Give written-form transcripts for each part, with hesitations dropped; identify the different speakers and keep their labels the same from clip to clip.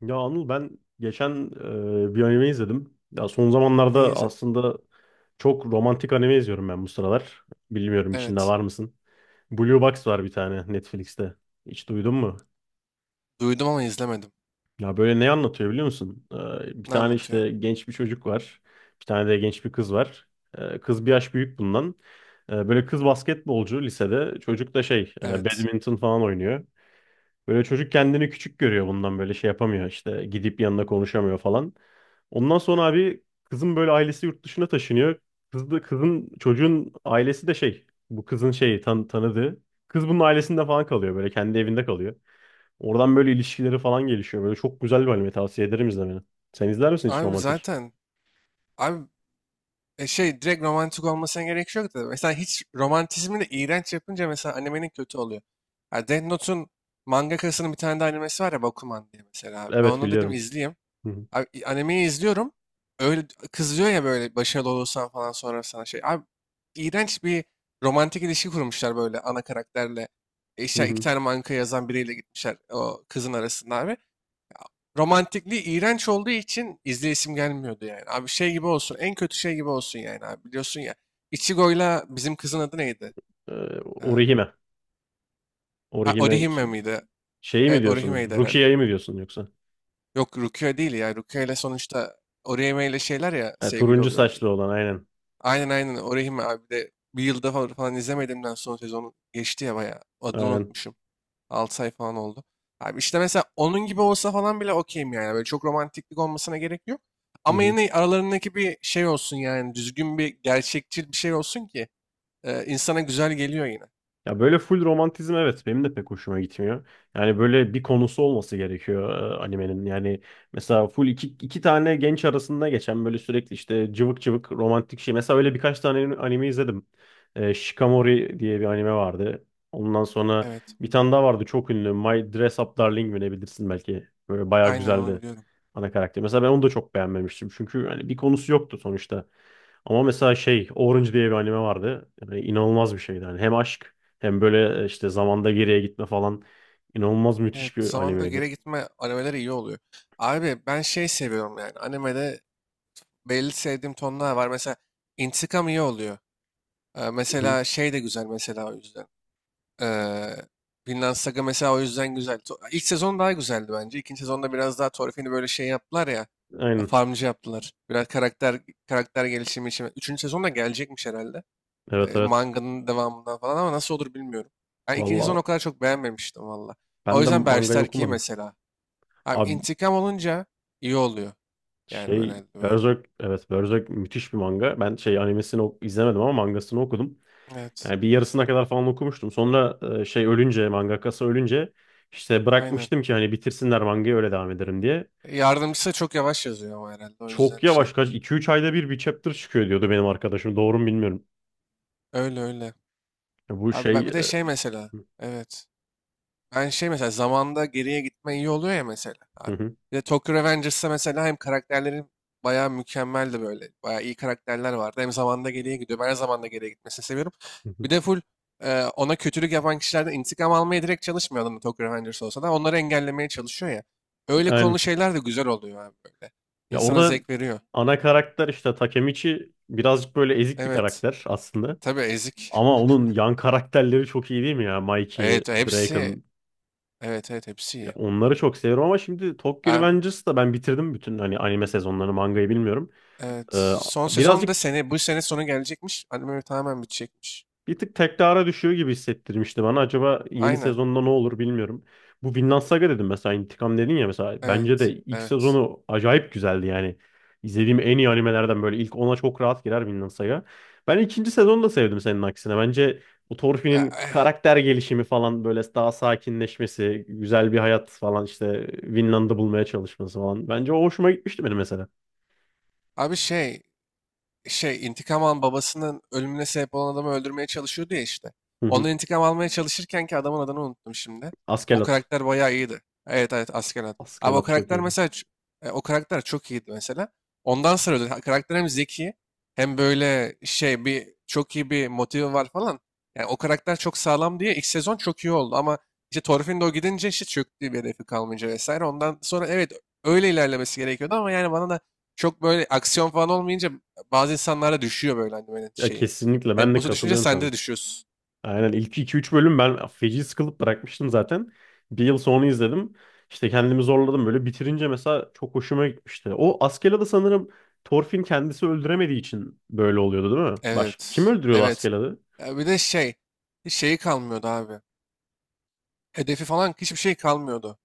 Speaker 1: Ya Anıl ben geçen bir anime izledim. Ya son
Speaker 2: Neyi
Speaker 1: zamanlarda
Speaker 2: izledim?
Speaker 1: aslında çok romantik anime izliyorum ben bu sıralar. Bilmiyorum içinde
Speaker 2: Evet.
Speaker 1: var mısın? Blue Box var bir tane Netflix'te. Hiç duydun mu?
Speaker 2: Duydum ama izlemedim.
Speaker 1: Ya böyle ne anlatıyor biliyor musun? Bir
Speaker 2: Ne
Speaker 1: tane
Speaker 2: anlatıyor?
Speaker 1: işte genç bir çocuk var. Bir tane de genç bir kız var. Kız bir yaş büyük bundan. Böyle kız basketbolcu lisede. Çocuk da şey
Speaker 2: Evet.
Speaker 1: badminton falan oynuyor. Böyle çocuk kendini küçük görüyor bundan böyle şey yapamıyor işte gidip yanına konuşamıyor falan. Ondan sonra abi kızın böyle ailesi yurt dışına taşınıyor. Kız da, kızın çocuğun ailesi de şey bu kızın şeyi tanıdığı. Kız bunun ailesinde falan kalıyor böyle kendi evinde kalıyor. Oradan böyle ilişkileri falan gelişiyor. Böyle çok güzel bir anime tavsiye ederim izlemeni. Sen izler misin hiç
Speaker 2: Abi
Speaker 1: romantik?
Speaker 2: zaten abi şey direkt romantik olmasına gerek yok da mesela hiç romantizmi de iğrenç yapınca mesela animenin kötü oluyor. Ya Death Note'un mangakasının bir tane de animesi var ya Bakuman diye mesela abi. Ben
Speaker 1: Evet,
Speaker 2: onu dedim
Speaker 1: biliyorum.
Speaker 2: izleyeyim.
Speaker 1: Hı hı.
Speaker 2: Abi animeyi izliyorum. Öyle kızıyor ya böyle başarılı olursan falan sonra sana şey. Abi iğrenç bir romantik ilişki kurmuşlar böyle ana karakterle.
Speaker 1: Hı
Speaker 2: İşte iki
Speaker 1: hı.
Speaker 2: tane manga yazan biriyle gitmişler o kızın arasında abi. Romantikliği iğrenç olduğu için izleyesim gelmiyordu yani. Abi şey gibi olsun. En kötü şey gibi olsun yani abi. Biliyorsun ya. Ichigo'yla bizim kızın adı neydi? Ee,
Speaker 1: Orihime. Orihime
Speaker 2: Orihime
Speaker 1: şey,
Speaker 2: miydi?
Speaker 1: şeyi mi
Speaker 2: Evet,
Speaker 1: diyorsun?
Speaker 2: Orihime'ydi herhalde.
Speaker 1: Rukiye'yi mi diyorsun yoksa?
Speaker 2: Yok, Rukia değil ya. Rukia ile sonuçta Orihime ile şeyler ya,
Speaker 1: Ha,
Speaker 2: sevgili
Speaker 1: turuncu
Speaker 2: oluyorlar yine.
Speaker 1: saçlı olan aynen.
Speaker 2: Aynen aynen, Orihime abi, de bir yılda falan, falan izlemediğimden son sezonu geçti ya bayağı. Adını
Speaker 1: Aynen.
Speaker 2: unutmuşum. 6 ay falan oldu. Abi işte mesela onun gibi olsa falan bile okeyim yani. Böyle çok romantiklik olmasına gerek yok.
Speaker 1: Hı
Speaker 2: Ama
Speaker 1: hı.
Speaker 2: yine aralarındaki bir şey olsun yani. Düzgün bir, gerçekçi bir şey olsun ki insana güzel geliyor yine.
Speaker 1: Ya böyle full romantizm, evet benim de pek hoşuma gitmiyor. Yani böyle bir konusu olması gerekiyor animenin. Yani mesela full iki tane genç arasında geçen böyle sürekli işte cıvık cıvık romantik şey. Mesela öyle birkaç tane anime izledim. Shikamori diye bir anime vardı. Ondan sonra
Speaker 2: Evet.
Speaker 1: bir tane daha vardı çok ünlü. My Dress Up Darling mi ne, bilirsin belki. Böyle bayağı
Speaker 2: Aynen, onu
Speaker 1: güzeldi
Speaker 2: biliyorum.
Speaker 1: ana karakter. Mesela ben onu da çok beğenmemiştim. Çünkü hani bir konusu yoktu sonuçta. Ama mesela şey Orange diye bir anime vardı. Yani inanılmaz bir şeydi. Yani hem aşk hem böyle işte zamanda geriye gitme falan. İnanılmaz
Speaker 2: Evet.
Speaker 1: müthiş bir
Speaker 2: Zamanda
Speaker 1: animeydi.
Speaker 2: geri gitme animeleri iyi oluyor. Abi ben şey seviyorum yani. Animede belli sevdiğim tonlar var. Mesela intikam iyi oluyor. Ee,
Speaker 1: Hı hı.
Speaker 2: mesela şey de güzel mesela, o yüzden. Ee, Vinland Saga mesela o yüzden güzel. İlk sezon daha güzeldi bence. İkinci sezonda biraz daha Thorfinn'i böyle şey yaptılar ya.
Speaker 1: Aynen.
Speaker 2: Farmcı yaptılar. Biraz karakter gelişimi için. Üçüncü sezon da gelecekmiş herhalde.
Speaker 1: Evet,
Speaker 2: Ee,
Speaker 1: evet.
Speaker 2: manganın devamından falan, ama nasıl olur bilmiyorum. Ben ikinci sezonu
Speaker 1: Valla
Speaker 2: o kadar çok beğenmemiştim valla. O
Speaker 1: ben de
Speaker 2: yüzden
Speaker 1: mangayı
Speaker 2: Berserk iyi
Speaker 1: okumadım.
Speaker 2: mesela. Abi
Speaker 1: Abi
Speaker 2: intikam olunca iyi oluyor. Yani
Speaker 1: şey
Speaker 2: böyle böyle.
Speaker 1: Berserk, evet Berserk müthiş bir manga. Ben şey animesini izlemedim ama mangasını okudum.
Speaker 2: Evet.
Speaker 1: Yani bir yarısına kadar falan okumuştum. Sonra e, şey ölünce mangakası ölünce işte
Speaker 2: Aynen.
Speaker 1: bırakmıştım ki hani bitirsinler mangayı öyle devam ederim diye.
Speaker 2: Yardımcısı da çok yavaş yazıyor ama herhalde, o
Speaker 1: Çok
Speaker 2: yüzden
Speaker 1: yavaş,
Speaker 2: şey.
Speaker 1: kaç 2-3 ayda bir, bir chapter çıkıyor diyordu benim arkadaşım. Doğru mu bilmiyorum.
Speaker 2: Öyle öyle.
Speaker 1: Ya,
Speaker 2: Abi ben, bir de şey mesela. Evet. Ben şey mesela, zamanda geriye gitme iyi oluyor ya mesela
Speaker 1: hı
Speaker 2: abi.
Speaker 1: hı,
Speaker 2: Bir de Tokyo Revengers'ta mesela hem karakterlerin bayağı mükemmeldi böyle. Bayağı iyi karakterler vardı. Hem zamanda geriye gidiyor. Ben her zamanda geriye gitmesini seviyorum.
Speaker 1: hı hı.
Speaker 2: Bir de full ona kötülük yapan kişilerden intikam almaya direkt çalışmıyor adam, Tokyo Revengers olsa da. Onları engellemeye çalışıyor ya. Öyle konulu
Speaker 1: Aynen.
Speaker 2: şeyler de güzel oluyor abi böyle.
Speaker 1: Ya
Speaker 2: İnsana
Speaker 1: orada
Speaker 2: zevk veriyor.
Speaker 1: ana karakter işte Takemichi birazcık böyle ezik bir
Speaker 2: Evet.
Speaker 1: karakter aslında.
Speaker 2: Tabii, ezik.
Speaker 1: Ama onun yan karakterleri çok iyi değil mi ya? Mikey,
Speaker 2: Evet hepsi,
Speaker 1: Draken.
Speaker 2: evet evet hepsi
Speaker 1: Ya
Speaker 2: iyi.
Speaker 1: onları çok seviyorum ama şimdi Tokyo
Speaker 2: Abi
Speaker 1: Revengers'ı da ben bitirdim bütün hani anime sezonlarını, mangayı bilmiyorum.
Speaker 2: evet,
Speaker 1: Ee,
Speaker 2: son sezon da
Speaker 1: birazcık
Speaker 2: sene, bu sene sonu gelecekmiş. Anime tamamen bitecekmiş.
Speaker 1: Bir tık tekrara düşüyor gibi hissettirmişti bana. Acaba yeni
Speaker 2: Aynen.
Speaker 1: sezonda ne olur bilmiyorum. Bu Vinland Saga dedim mesela, intikam dedin ya mesela. Bence de
Speaker 2: Evet.
Speaker 1: ilk
Speaker 2: Evet.
Speaker 1: sezonu acayip güzeldi yani. İzlediğim en iyi animelerden, böyle ilk 10'a çok rahat girer Vinland Saga. Ben ikinci sezonu da sevdim senin aksine. Bence bu
Speaker 2: Eh,
Speaker 1: Thorfinn'in
Speaker 2: eh.
Speaker 1: karakter gelişimi falan, böyle daha sakinleşmesi, güzel bir hayat falan, işte Vinland'ı bulmaya çalışması falan. Bence o hoşuma gitmişti benim mesela.
Speaker 2: Abi şey intikam alan, babasının ölümüne sebep olan adamı öldürmeye çalışıyordu ya işte.
Speaker 1: Hı hı.
Speaker 2: Ondan intikam almaya çalışırken ki, adamın adını unuttum şimdi. O
Speaker 1: Askelat.
Speaker 2: karakter bayağı iyiydi. Evet evet, asker Askelat. Abi o
Speaker 1: Askelat çok
Speaker 2: karakter
Speaker 1: iyiydi.
Speaker 2: mesela o karakter çok iyiydi mesela. Ondan sonra öldü. Ha, karakter hem zeki hem böyle şey, bir çok iyi bir motivi var falan. Yani o karakter çok sağlam diye ilk sezon çok iyi oldu, ama işte Thorfinn gidince işte çöktü, bir hedefi kalmayınca vesaire. Ondan sonra evet, öyle ilerlemesi gerekiyordu ama yani bana da çok, böyle aksiyon falan olmayınca bazı insanlarda düşüyor böyle hani böyle
Speaker 1: Ya
Speaker 2: şeyi.
Speaker 1: kesinlikle, ben de
Speaker 2: Temposu düşünce
Speaker 1: katılıyorum
Speaker 2: sen
Speaker 1: sana.
Speaker 2: de düşüyorsun.
Speaker 1: Aynen, ilk 2-3 bölüm ben feci sıkılıp bırakmıştım zaten. Bir yıl sonra izledim. İşte kendimi zorladım, böyle bitirince mesela çok hoşuma gitmişti. O Askeladd'i sanırım Thorfinn kendisi öldüremediği için böyle oluyordu, değil mi? Baş kim
Speaker 2: Evet.
Speaker 1: öldürüyordu
Speaker 2: Evet.
Speaker 1: Askeladd'i?
Speaker 2: Ya bir de şey. Hiç şeyi kalmıyordu abi. Hedefi falan hiçbir şey kalmıyordu.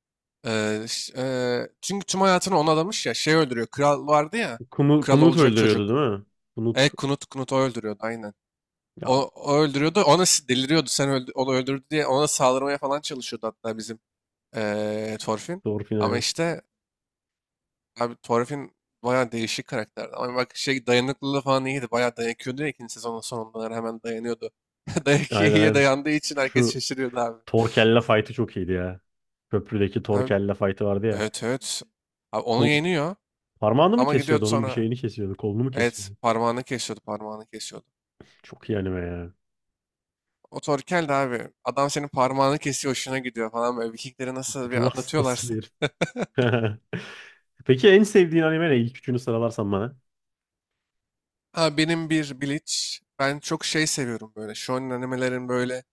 Speaker 2: Çünkü tüm hayatını ona adamış ya. Şey öldürüyor. Kral vardı ya.
Speaker 1: Kunu
Speaker 2: Kral
Speaker 1: Kunut
Speaker 2: olacak
Speaker 1: öldürüyordu
Speaker 2: çocuk.
Speaker 1: değil mi? Kunut.
Speaker 2: Knut, Knut o öldürüyordu aynen. O,
Speaker 1: Ya
Speaker 2: o öldürüyordu. Ona deliriyordu. Sen öldü, onu öldürdü diye ona saldırmaya falan çalışıyordu hatta bizim Thorfinn.
Speaker 1: Thorfinn,
Speaker 2: Ama
Speaker 1: aynen.
Speaker 2: işte, abi Thorfinn bayağı değişik karakterdi. Ama bak şey, dayanıklılığı falan iyiydi. Bayağı dayanıyordu ya ikinci sezonun sonunda, hani hemen dayanıyordu. Dayak
Speaker 1: Aynen,
Speaker 2: iyiye
Speaker 1: aynen.
Speaker 2: dayandığı için herkes
Speaker 1: Şu
Speaker 2: şaşırıyordu abi.
Speaker 1: Torkella fight'ı çok iyiydi ya. Köprüdeki
Speaker 2: Abi
Speaker 1: Torkella fight'ı vardı ya.
Speaker 2: evet evet. Abi onu
Speaker 1: Kol,
Speaker 2: yeniyor
Speaker 1: parmağını mı
Speaker 2: ama gidiyordu
Speaker 1: kesiyordu, onun bir
Speaker 2: sonra,
Speaker 1: şeyini kesiyordu. Kolunu mu
Speaker 2: evet
Speaker 1: kesiyordu?
Speaker 2: parmağını kesiyordu, parmağını kesiyordu.
Speaker 1: Çok iyi anime ya.
Speaker 2: O Torkel de abi, adam senin parmağını kesiyor hoşuna gidiyor falan böyle, Vikingleri nasıl bir
Speaker 1: Ruh hastası
Speaker 2: anlatıyorlarsa.
Speaker 1: bir. Peki en sevdiğin anime ne? İlk üçünü sıralarsan bana.
Speaker 2: Ha benim bir Bleach, ben çok şey seviyorum böyle shonen animelerin böyle.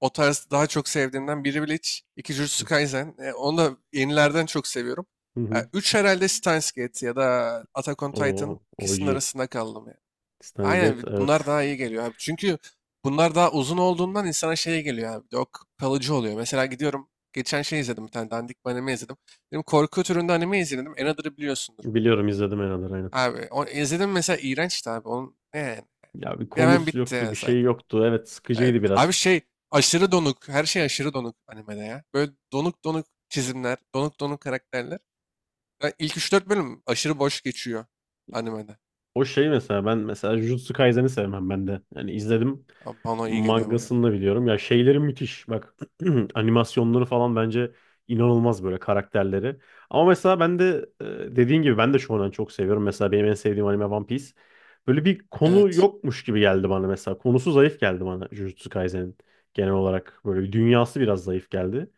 Speaker 2: O tarz daha çok sevdiğimden, biri Bleach, iki Jujutsu Kaisen. Onu da yenilerden çok seviyorum.
Speaker 1: Hı
Speaker 2: E,
Speaker 1: hı.
Speaker 2: üç herhalde Steins Gate ya da Attack on Titan,
Speaker 1: O
Speaker 2: ikisinin
Speaker 1: OG.
Speaker 2: arasında kaldım ya.
Speaker 1: Steins Gate
Speaker 2: Aynen, bunlar
Speaker 1: evet.
Speaker 2: daha iyi geliyor abi. Çünkü bunlar daha uzun olduğundan insana şey geliyor abi. Yok, kalıcı oluyor. Mesela gidiyorum geçen şey izledim, bir tane dandik bir anime izledim. Dedim korku türünde anime izledim. Another'ı biliyorsundur.
Speaker 1: Biliyorum, izledim herhalde aynen.
Speaker 2: Abi o, izledim mesela, iğrençti abi. Onun ne yani?
Speaker 1: Ya bir
Speaker 2: Hemen
Speaker 1: konusu
Speaker 2: bitti
Speaker 1: yoktu,
Speaker 2: ya
Speaker 1: bir
Speaker 2: zaten.
Speaker 1: şey yoktu. Evet
Speaker 2: Evet.
Speaker 1: sıkıcıydı
Speaker 2: Abi
Speaker 1: biraz.
Speaker 2: şey, aşırı donuk. Her şey aşırı donuk animede ya. Böyle donuk donuk çizimler, donuk donuk karakterler. Ya, İlk 3-4 bölüm aşırı boş geçiyor animede.
Speaker 1: O şey mesela, ben mesela Jujutsu Kaisen'i sevmem ben de. Yani izledim.
Speaker 2: Ama bana iyi geliyor baya.
Speaker 1: Mangasını da biliyorum. Ya şeyleri müthiş. Bak, animasyonları falan bence inanılmaz, böyle karakterleri. Ama mesela ben de dediğin gibi ben de shonen çok seviyorum. Mesela benim en sevdiğim anime One Piece. Böyle bir konu
Speaker 2: Evet.
Speaker 1: yokmuş gibi geldi bana mesela. Konusu zayıf geldi bana Jujutsu Kaisen'in genel olarak. Böyle bir dünyası biraz zayıf geldi.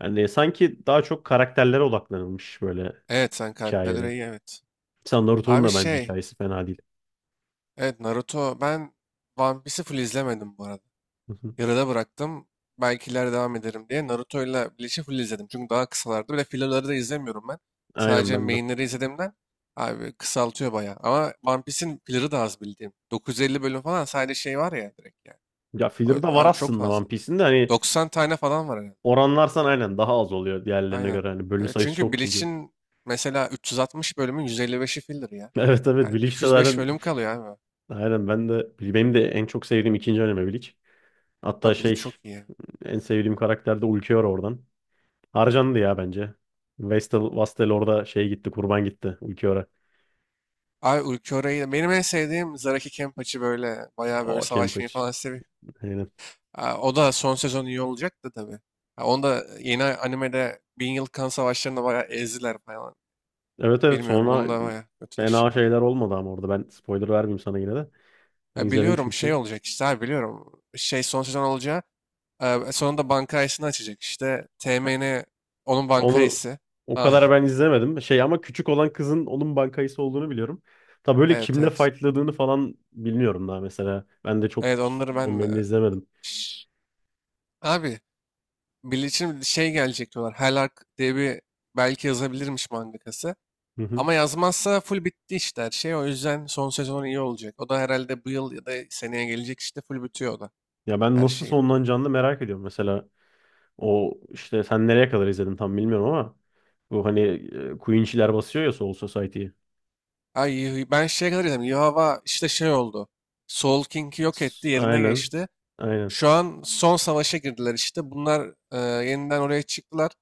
Speaker 1: Yani sanki daha çok karakterlere odaklanılmış böyle
Speaker 2: Evet, sen
Speaker 1: hikayede.
Speaker 2: karakterlere iyi, evet.
Speaker 1: Mesela Naruto'nun
Speaker 2: Abi
Speaker 1: da bence
Speaker 2: şey.
Speaker 1: hikayesi fena değil.
Speaker 2: Evet Naruto, ben One Piece'i full izlemedim bu arada. Yarıda bıraktım. Belki ileride devam ederim diye. Naruto'yla Bleach'i full izledim. Çünkü daha kısalardı. Bir de filler'ları da izlemiyorum ben.
Speaker 1: Aynen
Speaker 2: Sadece
Speaker 1: ben de.
Speaker 2: main'leri izlediğimden abi kısaltıyor bayağı. Ama One Piece'in filler'ı da az bildiğim. 950 bölüm falan sadece şey var ya direkt yani.
Speaker 1: Ya filler de var
Speaker 2: Abi çok
Speaker 1: aslında One
Speaker 2: fazla.
Speaker 1: Piece'in de hani,
Speaker 2: 90 tane falan var herhalde.
Speaker 1: oranlarsan aynen daha az oluyor diğerlerine
Speaker 2: Aynen.
Speaker 1: göre. Hani bölüm
Speaker 2: E,
Speaker 1: sayısı
Speaker 2: çünkü
Speaker 1: çok çünkü.
Speaker 2: Bleach'in mesela 360 bölümün 155'i filler ya.
Speaker 1: Evet evet,
Speaker 2: Yani
Speaker 1: Bleach de
Speaker 2: 205
Speaker 1: zaten
Speaker 2: bölüm kalıyor abi.
Speaker 1: aynen, ben de, benim de en çok sevdiğim ikinci anime Bleach. Hatta
Speaker 2: Abi Bleach
Speaker 1: şey,
Speaker 2: çok iyi.
Speaker 1: en sevdiğim karakter de Ulquiorra oradan. Harcandı ya bence. Vastel orada şey gitti, kurban gitti Ulquiorra.
Speaker 2: Abi Ulquiora'yı, benim en sevdiğim Zaraki Kenpachi, böyle bayağı böyle
Speaker 1: O
Speaker 2: savaşmayı
Speaker 1: Kempich.
Speaker 2: falan seviyor.
Speaker 1: Aynen.
Speaker 2: Ha, o da son sezon iyi olacak da tabii. Ha, onu da yeni animede Bin Yıl Kan Savaşları'nda bayağı ezdiler falan.
Speaker 1: Evet evet,
Speaker 2: Bilmiyorum, onu
Speaker 1: sonra
Speaker 2: da bayağı
Speaker 1: fena
Speaker 2: kötüleştirdiler.
Speaker 1: şeyler olmadı ama orada ben spoiler vermeyeyim sana yine de. Ben
Speaker 2: E,
Speaker 1: izledim
Speaker 2: biliyorum şey
Speaker 1: çünkü.
Speaker 2: olacak işte abi, biliyorum. Şey son sezon olacağı, sonunda bankayısını açacak işte. TMN onun
Speaker 1: Onu
Speaker 2: bankayısı.
Speaker 1: o
Speaker 2: Ha,
Speaker 1: kadar ben izlemedim. Şey, ama küçük olan kızın onun bankayısı olduğunu biliyorum. Tabii böyle
Speaker 2: evet
Speaker 1: kimle
Speaker 2: evet.
Speaker 1: fightladığını falan bilmiyorum daha mesela. Ben de çok
Speaker 2: Evet, onları
Speaker 1: son
Speaker 2: ben
Speaker 1: bölümünü
Speaker 2: de...
Speaker 1: izlemedim.
Speaker 2: Şş, abi Bleach'in şey gelecek diyorlar. Hell Arc diye bir, belki yazabilirmiş mangakası.
Speaker 1: Hı hı.
Speaker 2: Ama yazmazsa full bitti işte her şey. O yüzden son sezon iyi olacak. O da herhalde bu yıl ya da seneye gelecek işte, full bitiyor o da
Speaker 1: Ya ben
Speaker 2: her
Speaker 1: nasıl
Speaker 2: şeyle.
Speaker 1: sonlanacağını da merak ediyorum mesela. O işte sen nereye kadar izledin tam bilmiyorum ama bu hani Queen'çiler basıyor ya Soul Society'yi.
Speaker 2: Ay, ben şeye kadar izledim. Yuhava işte şey oldu. Soul King'i yok etti, yerine
Speaker 1: Aynen.
Speaker 2: geçti.
Speaker 1: Aynen.
Speaker 2: Şu an son savaşa girdiler işte. Bunlar yeniden oraya çıktılar.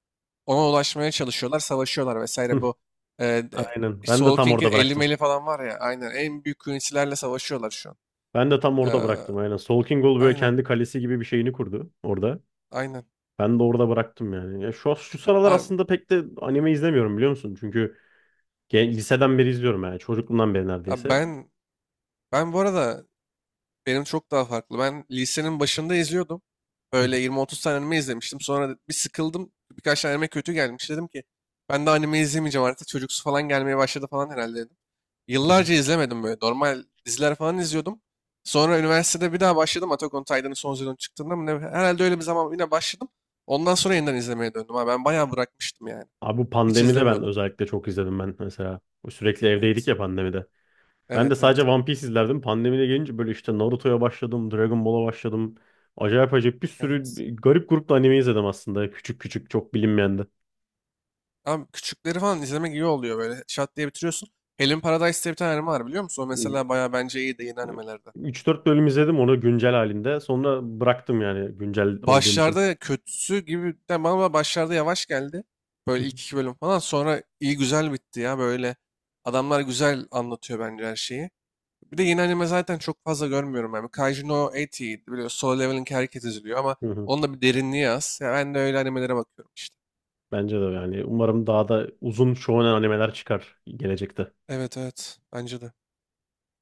Speaker 2: Ona ulaşmaya çalışıyorlar. Savaşıyorlar vesaire
Speaker 1: Hı.
Speaker 2: bu. E, de-
Speaker 1: Aynen. Ben de
Speaker 2: Soul
Speaker 1: tam
Speaker 2: King'in
Speaker 1: orada
Speaker 2: 50
Speaker 1: bıraktım.
Speaker 2: meli falan var ya. Aynen, en büyük künsilerle savaşıyorlar şu an.
Speaker 1: Ben de tam orada
Speaker 2: E,
Speaker 1: bıraktım aynen. Sol King Gol böyle
Speaker 2: aynen
Speaker 1: kendi kalesi gibi bir şeyini kurdu orada.
Speaker 2: aynen.
Speaker 1: Ben de orada bıraktım yani. Ya şu sıralar
Speaker 2: Abi,
Speaker 1: aslında pek de anime izlemiyorum biliyor musun? Çünkü liseden beri izliyorum yani. Çocukluğumdan beri
Speaker 2: abi
Speaker 1: neredeyse.
Speaker 2: ben... Ben bu arada, benim çok daha farklı. Ben lisenin başında izliyordum.
Speaker 1: Hı
Speaker 2: Böyle
Speaker 1: hı,
Speaker 2: 20-30 tane anime izlemiştim. Sonra bir sıkıldım. Birkaç tane anime kötü gelmiş. Dedim ki ben de anime izlemeyeceğim artık. Çocuksu falan gelmeye başladı falan herhalde dedim.
Speaker 1: hı hı.
Speaker 2: Yıllarca izlemedim böyle. Normal diziler falan izliyordum. Sonra üniversitede bir daha başladım. Attack on Titan'ın son sezonu çıktığında mı ne? Herhalde öyle bir zaman yine başladım. Ondan sonra yeniden izlemeye döndüm. Ha, ben bayağı bırakmıştım yani.
Speaker 1: Abi bu
Speaker 2: Hiç
Speaker 1: pandemide ben
Speaker 2: izlemiyordum.
Speaker 1: özellikle çok izledim ben mesela. Sürekli evdeydik
Speaker 2: Evet.
Speaker 1: ya pandemide. Ben de
Speaker 2: Evet
Speaker 1: sadece
Speaker 2: evet.
Speaker 1: One Piece izlerdim. Pandemide gelince böyle işte Naruto'ya başladım, Dragon Ball'a başladım. Acayip acayip bir sürü
Speaker 2: Evet.
Speaker 1: garip grupta anime izledim aslında. Küçük küçük çok bilinmeyen de.
Speaker 2: Abi küçükleri falan izlemek iyi oluyor böyle. Şat diye bitiriyorsun. Helen Paradise diye bir tane anime var, biliyor musun? O mesela bayağı bence iyi de yeni animelerde.
Speaker 1: 3-4 bölüm izledim onu güncel halinde. Sonra bıraktım yani güncel olduğum için.
Speaker 2: Başlarda kötüsü gibi de, bana başlarda yavaş geldi.
Speaker 1: Hı
Speaker 2: Böyle
Speaker 1: hı.
Speaker 2: ilk iki bölüm falan, sonra iyi güzel bitti ya böyle. Adamlar güzel anlatıyor bence her şeyi. Bir de yeni anime zaten çok fazla görmüyorum yani. Kaiju no 80 iyiydi. Biliyorsun. Solo Level'in herkes izliyor ama
Speaker 1: Hı hı.
Speaker 2: onun da bir derinliği az. Ya ben de öyle animelere bakıyorum işte.
Speaker 1: Bence de yani umarım daha da uzun shonen animeler çıkar gelecekte.
Speaker 2: Evet evet bence de.